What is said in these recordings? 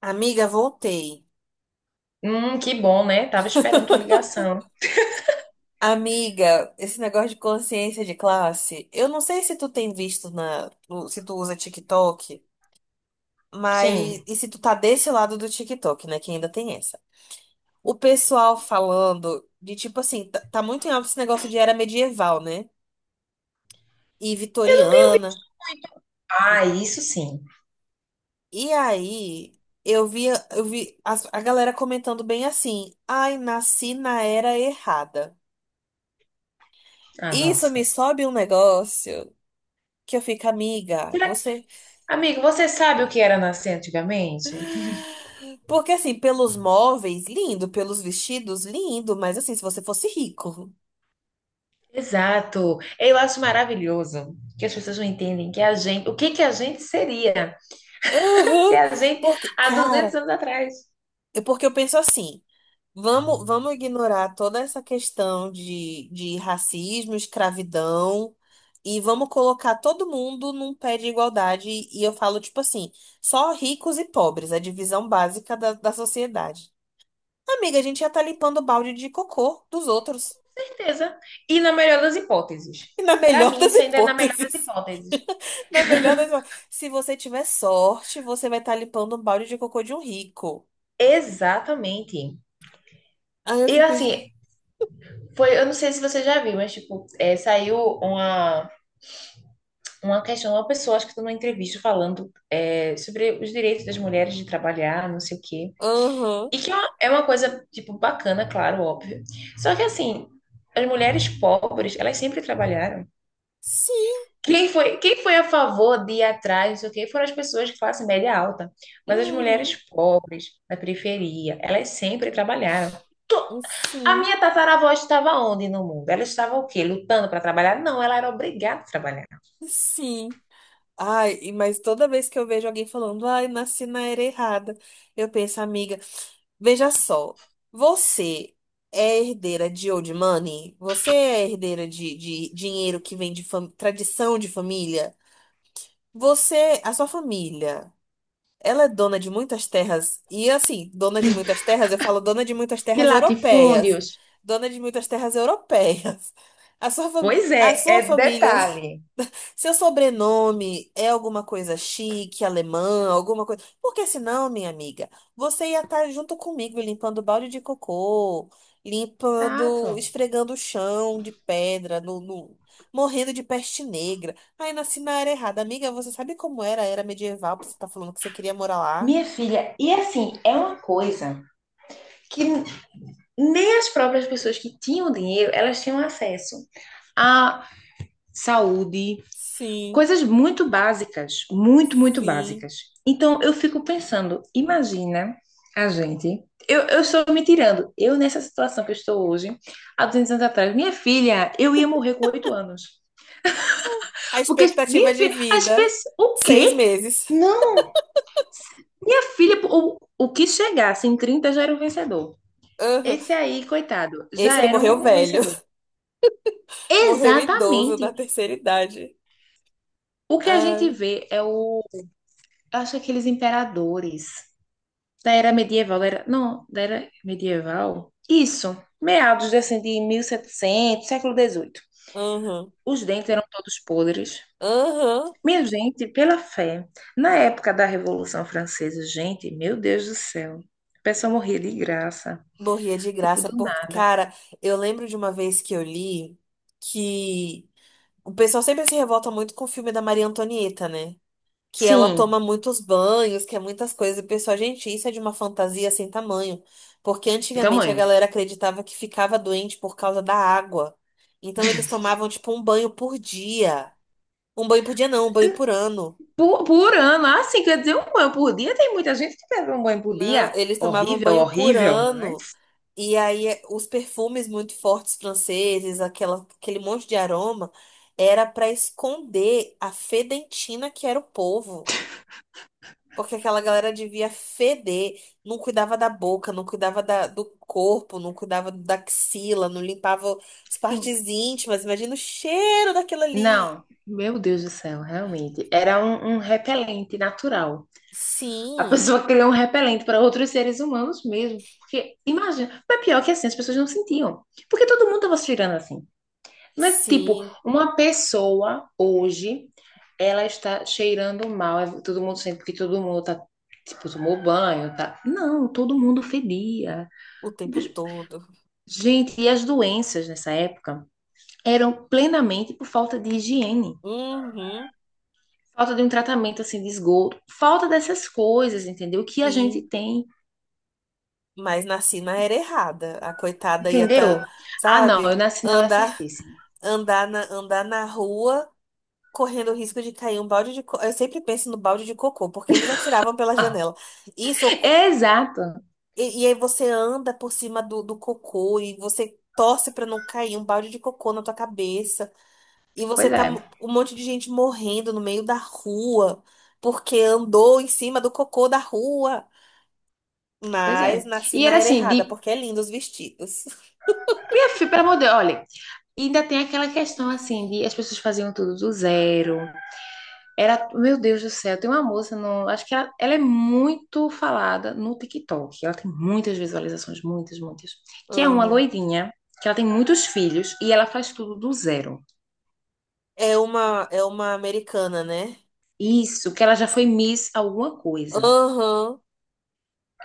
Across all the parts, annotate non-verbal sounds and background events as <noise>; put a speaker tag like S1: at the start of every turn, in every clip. S1: Amiga, voltei.
S2: Que bom, né? Tava esperando tua ligação.
S1: Amiga, esse negócio de consciência de classe, eu não sei se tu tem visto na, no- se tu usa TikTok, mas
S2: Sim.
S1: e se tu tá desse lado do TikTok, né, que ainda tem essa. O pessoal falando de tipo assim, tá muito em alta esse negócio de era medieval, né? E
S2: Eu não tenho vi.
S1: vitoriana.
S2: Ah, isso sim.
S1: E aí, eu vi a galera comentando bem assim: "Ai, nasci na era errada".
S2: Ah,
S1: Isso me
S2: nossa.
S1: sobe um negócio que eu fico, amiga,
S2: Será...
S1: você.
S2: Amigo, você sabe o que era nascer antigamente?
S1: Porque assim, pelos móveis, lindo, pelos vestidos, lindo, mas assim, se você fosse rico.
S2: Exato. Eu acho maravilhoso que as pessoas não entendem que a gente, o que que a gente seria <laughs> se
S1: Aham.
S2: a gente
S1: Porque,
S2: há 200
S1: cara,
S2: anos atrás.
S1: é porque eu penso assim, vamos ignorar toda essa questão de racismo, escravidão, e vamos colocar todo mundo num pé de igualdade, e eu falo, tipo assim, só ricos e pobres, a divisão básica da sociedade. Amiga, a gente já tá limpando o balde de cocô dos outros.
S2: Certeza. E na melhor das hipóteses.
S1: E na
S2: Para
S1: melhor
S2: mim,
S1: das
S2: isso ainda é na melhor das
S1: hipóteses.
S2: hipóteses.
S1: Na melhor das hipóteses, se você tiver sorte, você vai estar limpando um balde de cocô de um rico.
S2: Exatamente.
S1: Aí eu
S2: E
S1: fico.
S2: assim, foi, eu não sei se você já viu, mas tipo, saiu uma questão, uma pessoa, acho que estou numa entrevista falando sobre os direitos das mulheres de trabalhar, não sei o quê.
S1: Aham.
S2: E que é uma coisa, tipo, bacana, claro, óbvio. Só que, assim, as mulheres pobres, elas sempre trabalharam.
S1: Sim.
S2: Quem foi a favor de ir atrás, não sei o quê, foram as pessoas de classe média alta. Mas as mulheres
S1: Uhum.
S2: pobres, da periferia, elas sempre trabalharam. A
S1: Sim.
S2: minha tataravó estava onde no mundo? Ela estava o quê? Lutando para trabalhar? Não, ela era obrigada a trabalhar.
S1: Sim. Ai, mas toda vez que eu vejo alguém falando, ai, nasci na era errada, eu penso, amiga, veja só. Você é herdeira de old money? Você é herdeira de dinheiro que vem de tradição de família? Você, a sua família. Ela é dona de muitas terras. E assim, dona de muitas terras, eu falo dona de muitas
S2: De
S1: terras europeias.
S2: latifúndios.
S1: Dona de muitas terras europeias. A
S2: Pois
S1: a
S2: é,
S1: sua
S2: é
S1: família,
S2: detalhe.
S1: <laughs> seu sobrenome é alguma coisa chique, alemã, alguma coisa. Porque senão, minha amiga, você ia estar junto comigo limpando balde de cocô, limpando,
S2: Exato.
S1: esfregando o chão de pedra, morrendo de peste negra. Aí nasci na área errada. Amiga, você sabe como era a era medieval? Você tá falando que você queria morar lá?
S2: Minha filha, e assim, é uma coisa que nem as próprias pessoas que tinham dinheiro, elas tinham acesso à saúde,
S1: Sim,
S2: coisas muito básicas, muito, muito
S1: sim.
S2: básicas. Então, eu fico pensando, imagina a gente, eu estou me tirando, eu nessa situação que eu estou hoje, há 200 anos atrás, minha filha, eu ia morrer com 8 anos.
S1: A
S2: Porque,
S1: expectativa
S2: minha
S1: de
S2: filha, as
S1: vida,
S2: pessoas, o
S1: seis
S2: quê?
S1: meses.
S2: Não, minha filha, o que chegasse em 30 já era um vencedor.
S1: Aham.
S2: Esse aí, coitado,
S1: Esse
S2: já
S1: aí
S2: era
S1: morreu
S2: um
S1: velho.
S2: vencedor.
S1: <laughs> Morreu idoso da
S2: Exatamente.
S1: terceira idade.
S2: O que a gente
S1: Ai,
S2: vê é o. Eu acho que aqueles imperadores da era medieval, da era, não, da era medieval. Isso, meados de, assim, de 1700, século XVIII.
S1: aham.
S2: Os dentes eram todos podres.
S1: Aham.
S2: Minha gente, pela fé, na época da Revolução Francesa, gente, meu Deus do céu, a pessoa morria de graça,
S1: Morria de
S2: tipo
S1: graça,
S2: do
S1: porque,
S2: nada.
S1: cara, eu lembro de uma vez que eu li que o pessoal sempre se revolta muito com o filme da Maria Antonieta, né? Que ela
S2: Sim,
S1: toma muitos banhos, que é muitas coisas. E pessoal, gente, isso é de uma fantasia sem tamanho. Porque antigamente a
S2: tamanho.
S1: galera acreditava que ficava doente por causa da água. Então eles tomavam, tipo, um banho por dia. Um banho por dia não, um banho por ano.
S2: Por ano, assim, quer dizer, um banho por dia, tem muita gente que bebe um banho por
S1: Não,
S2: dia.
S1: eles tomavam
S2: Horrível,
S1: banho por
S2: horrível, mas
S1: ano. E aí os perfumes muito fortes franceses, aquele monte de aroma, era para esconder a fedentina que era o povo. Porque aquela galera devia feder, não cuidava da boca, não cuidava do corpo, não cuidava da axila, não limpava as
S2: sim.
S1: partes íntimas. Imagina o cheiro daquilo ali.
S2: Não, meu Deus do céu, realmente. Era um repelente natural. A
S1: Sim,
S2: pessoa <laughs> criou um repelente para outros seres humanos mesmo. Porque, imagina, mas pior que assim, as pessoas não sentiam. Porque todo mundo estava se cheirando assim. Mas, tipo,
S1: sim,
S2: uma pessoa hoje, ela está cheirando mal. Todo mundo sente porque todo mundo tá, tipo, tomou banho, tá? Não, todo mundo fedia.
S1: o tempo todo.
S2: Gente, e as doenças nessa época eram plenamente por falta de higiene,
S1: Uhum,
S2: falta de um tratamento assim de esgoto, falta dessas coisas, entendeu? Que a gente
S1: sim.
S2: tem,
S1: Mas nasci na era errada. A coitada ia
S2: entendeu?
S1: estar,
S2: Ah, não, eu
S1: sabe,
S2: nasci na hora
S1: andar,
S2: certíssima.
S1: andar na rua. Correndo o risco de cair um balde de. Eu sempre penso no balde de cocô, porque eles atiravam pela janela.
S2: <laughs>
S1: Isso.
S2: Exato.
S1: E aí você anda por cima do cocô e você torce pra não cair um balde de cocô na tua cabeça. E você
S2: Pois
S1: tá
S2: é,
S1: um monte de gente morrendo no meio da rua porque andou em cima do cocô da rua.
S2: pois
S1: Mas
S2: é.
S1: nasci
S2: E
S1: na
S2: era
S1: era
S2: assim,
S1: errada,
S2: de,
S1: porque é lindo os vestidos. <laughs>
S2: minha filha, pelo amor de Deus, olha, e ainda tem aquela questão assim de as pessoas faziam tudo do zero. Era, meu Deus do céu, tem uma moça no, acho que ela é muito falada no TikTok. Ela tem muitas visualizações, muitas, muitas. Que é uma
S1: Uhum.
S2: loirinha, que ela tem muitos filhos e ela faz tudo do zero.
S1: É uma americana, né?
S2: Isso, que ela já foi Miss alguma coisa.
S1: Aham,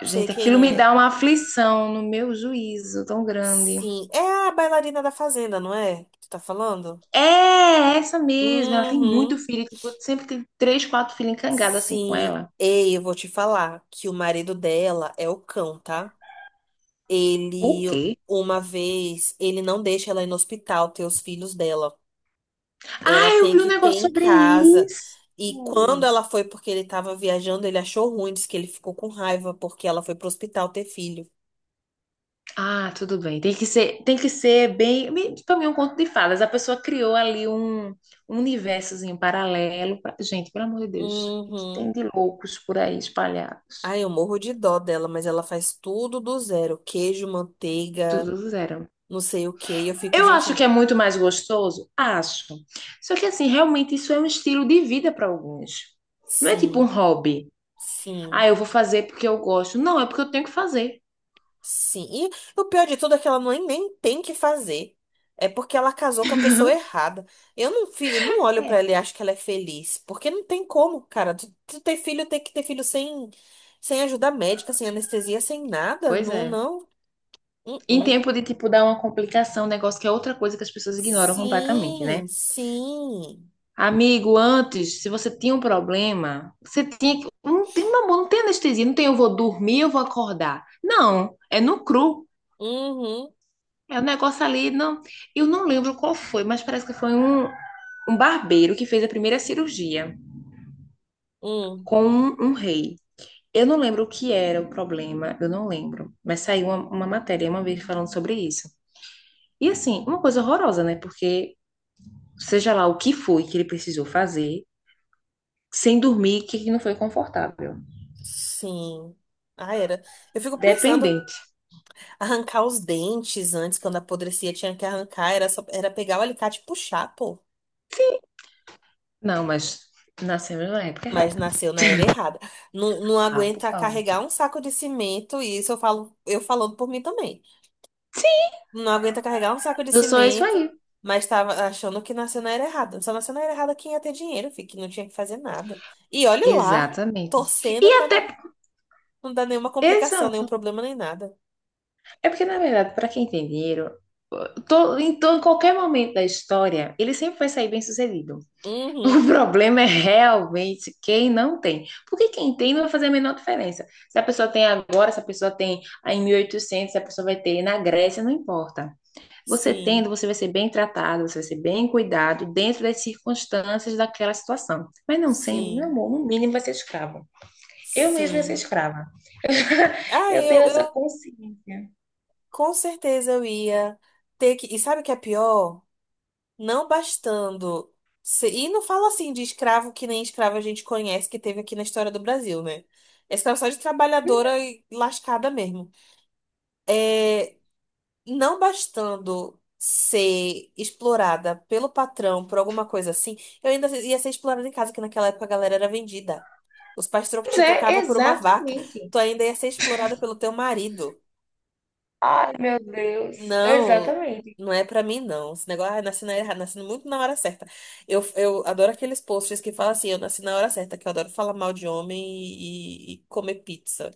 S1: sei
S2: Gente,
S1: quem
S2: aquilo me
S1: é.
S2: dá uma aflição no meu juízo tão grande.
S1: Sim, é a bailarina da Fazenda, não é? Que tu tá falando?
S2: É essa mesmo, ela tem muito
S1: Uhum.
S2: filho, tipo, sempre tem três, quatro filhos encangados assim com
S1: Sim,
S2: ela.
S1: ei, eu vou te falar que o marido dela é o cão, tá?
S2: O
S1: Ele,
S2: quê?
S1: uma vez, ele não deixa ela ir no hospital ter os filhos dela. Ela
S2: Ah, eu
S1: tem
S2: vi um
S1: que ter
S2: negócio
S1: em
S2: sobre
S1: casa.
S2: isso.
S1: E quando ela foi, porque ele tava viajando, ele achou ruim, disse que ele ficou com raiva porque ela foi pro hospital ter filho.
S2: Ah, tudo bem. Tem que ser bem. Para mim, é um conto de fadas. A pessoa criou ali um universozinho paralelo. Gente, pelo amor de Deus, o que tem
S1: Uhum.
S2: de loucos por aí espalhados?
S1: Ai, eu morro de dó dela, mas ela faz tudo do zero. Queijo,
S2: Tudo
S1: manteiga,
S2: do zero.
S1: não sei o quê. E eu fico,
S2: Eu acho que
S1: gente,
S2: é muito mais gostoso? Acho. Só que, assim, realmente isso é um estilo de vida para alguns. Não é tipo um
S1: sim,
S2: hobby. Ah,
S1: sim.
S2: eu vou fazer porque eu gosto. Não, é porque eu tenho que fazer.
S1: Sim, e o pior de tudo é que ela nem tem que fazer. É porque ela casou com a pessoa errada. Eu eu não olho pra
S2: É,
S1: ela e acho que ela é feliz. Porque não tem como, cara. Tu ter filho, tem que ter filho sem, sem ajuda médica, sem anestesia, sem nada.
S2: pois
S1: Não,
S2: é.
S1: não. Hum,
S2: Em
S1: hum.
S2: tempo de, tipo, dar uma complicação, um negócio que é outra coisa que as pessoas ignoram completamente, né?
S1: Sim, sim.
S2: Amigo, antes, se você tinha um problema, você tinha que. Não tem, meu amor, não tem anestesia, não tem eu vou dormir, eu vou acordar. Não, é no cru.
S1: Uhum,
S2: É um negócio ali, não. Eu não lembro qual foi, mas parece que foi um barbeiro que fez a primeira cirurgia
S1: hum.
S2: com um rei. Eu não lembro o que era o problema, eu não lembro. Mas saiu uma matéria uma vez falando sobre isso. E assim, uma coisa horrorosa, né? Porque seja lá o que foi que ele precisou fazer, sem dormir, que não foi confortável.
S1: Sim. Ah, era. Eu fico pensando,
S2: Dependente.
S1: arrancar os dentes antes, quando apodrecia, tinha que arrancar. Era só, era pegar o alicate e puxar, pô.
S2: Não, mas nascemos na época
S1: Mas
S2: errada.
S1: nasceu na era errada. Não, não
S2: Ah, por
S1: aguenta
S2: favor.
S1: carregar um saco de cimento, e isso eu falo, eu falando por mim também.
S2: Sim,
S1: Não aguenta carregar um saco de
S2: eu sou isso
S1: cimento,
S2: aí.
S1: mas estava achando que nasceu na era errada. Só nasceu na era errada quem ia ter dinheiro, fi, que não tinha que fazer nada. E olhe lá,
S2: Exatamente. E
S1: torcendo pra
S2: até.
S1: não dar nenhuma complicação, nenhum
S2: Exato.
S1: problema, nem nada.
S2: É porque, na verdade, para quem tem dinheiro, em qualquer momento da história, ele sempre vai sair bem sucedido. <laughs> O
S1: Uhum.
S2: problema é realmente quem não tem. Porque quem tem não vai fazer a menor diferença. Se a pessoa tem agora, se a pessoa tem em 1800, se a pessoa vai ter na Grécia, não importa. Você tendo,
S1: Sim,
S2: você vai ser bem tratado, você vai ser bem cuidado dentro das circunstâncias daquela situação. Mas não sendo, meu
S1: sim,
S2: amor, no mínimo vai ser escravo. Eu mesma ia ser
S1: sim.
S2: escrava.
S1: Ah,
S2: Eu tenho essa
S1: eu
S2: consciência.
S1: com certeza eu ia ter que. E sabe o que é pior? Não bastando. E não falo assim de escravo que nem escravo a gente conhece, que teve aqui na história do Brasil, né? É escravo só de trabalhadora e lascada mesmo. É, não bastando ser explorada pelo patrão por alguma coisa assim, eu ainda ia ser explorada em casa, que naquela época a galera era vendida. Os pais
S2: Pois
S1: te
S2: é,
S1: trocavam por uma vaca.
S2: exatamente.
S1: Tu ainda ia ser explorada pelo teu marido.
S2: Ai, meu Deus.
S1: Não,
S2: Exatamente.
S1: não é pra mim, não. Esse negócio, ah, nasci na errada, nasci muito na hora certa. Eu adoro aqueles posts que falam assim, eu nasci na hora certa, que eu adoro falar mal de homem e comer pizza.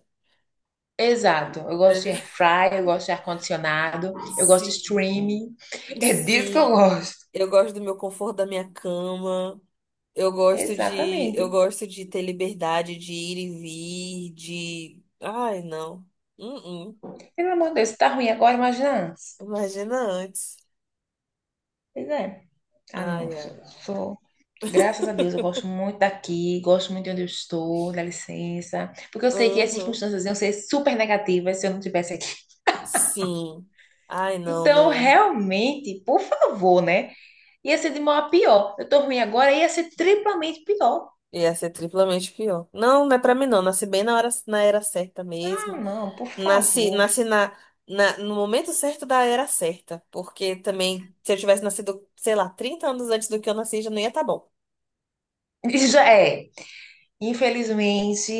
S2: Exato. Eu gosto de
S1: É,
S2: air fry, eu gosto de ar-condicionado,
S1: <laughs>
S2: eu gosto de
S1: sim.
S2: streaming. É disso que eu
S1: Sim,
S2: gosto.
S1: eu gosto do meu conforto da minha cama. Eu gosto eu
S2: Exatamente.
S1: gosto de ter liberdade de ir e vir, de... Ai, não. Uh -uh.
S2: Pelo amor de Deus, se tá ruim agora, imagina antes.
S1: Imagina antes.
S2: Pois é. Ah, não.
S1: Ai,
S2: Sou,
S1: ai.
S2: sou graças a Deus, eu gosto muito daqui, gosto muito de onde eu estou, dá licença. Porque eu sei que as
S1: Uhum.
S2: circunstâncias iam ser super negativas se eu não estivesse aqui.
S1: Sim. Ai, não,
S2: Então,
S1: não.
S2: realmente, por favor, né? Ia ser de mal a pior. Eu tô ruim agora, ia ser triplamente pior.
S1: Ia ser triplamente pior. Não, não é pra mim não. Nasci bem na hora, na era certa
S2: Ah,
S1: mesmo.
S2: não, por favor.
S1: Nasci no momento certo da era certa. Porque também, se eu tivesse nascido, sei lá, 30 anos antes do que eu nasci, já não ia estar bom.
S2: <laughs> E já é. Infelizmente.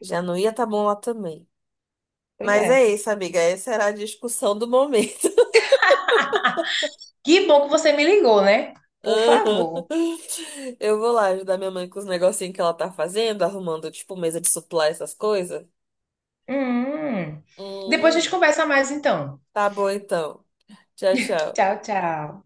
S1: Já não ia estar bom lá também.
S2: Pois
S1: Mas é
S2: é.
S1: isso, amiga. Essa era a discussão do momento.
S2: Que bom que você me ligou, né?
S1: <laughs>
S2: Por favor.
S1: Aham. Eu vou lá ajudar minha mãe com os negocinhos que ela tá fazendo, arrumando, tipo, mesa de suplá, essas coisas.
S2: Hum. Depois a gente
S1: Hum,
S2: conversa mais, então.
S1: tá bom então. Tchau, tchau.
S2: Tchau, tchau.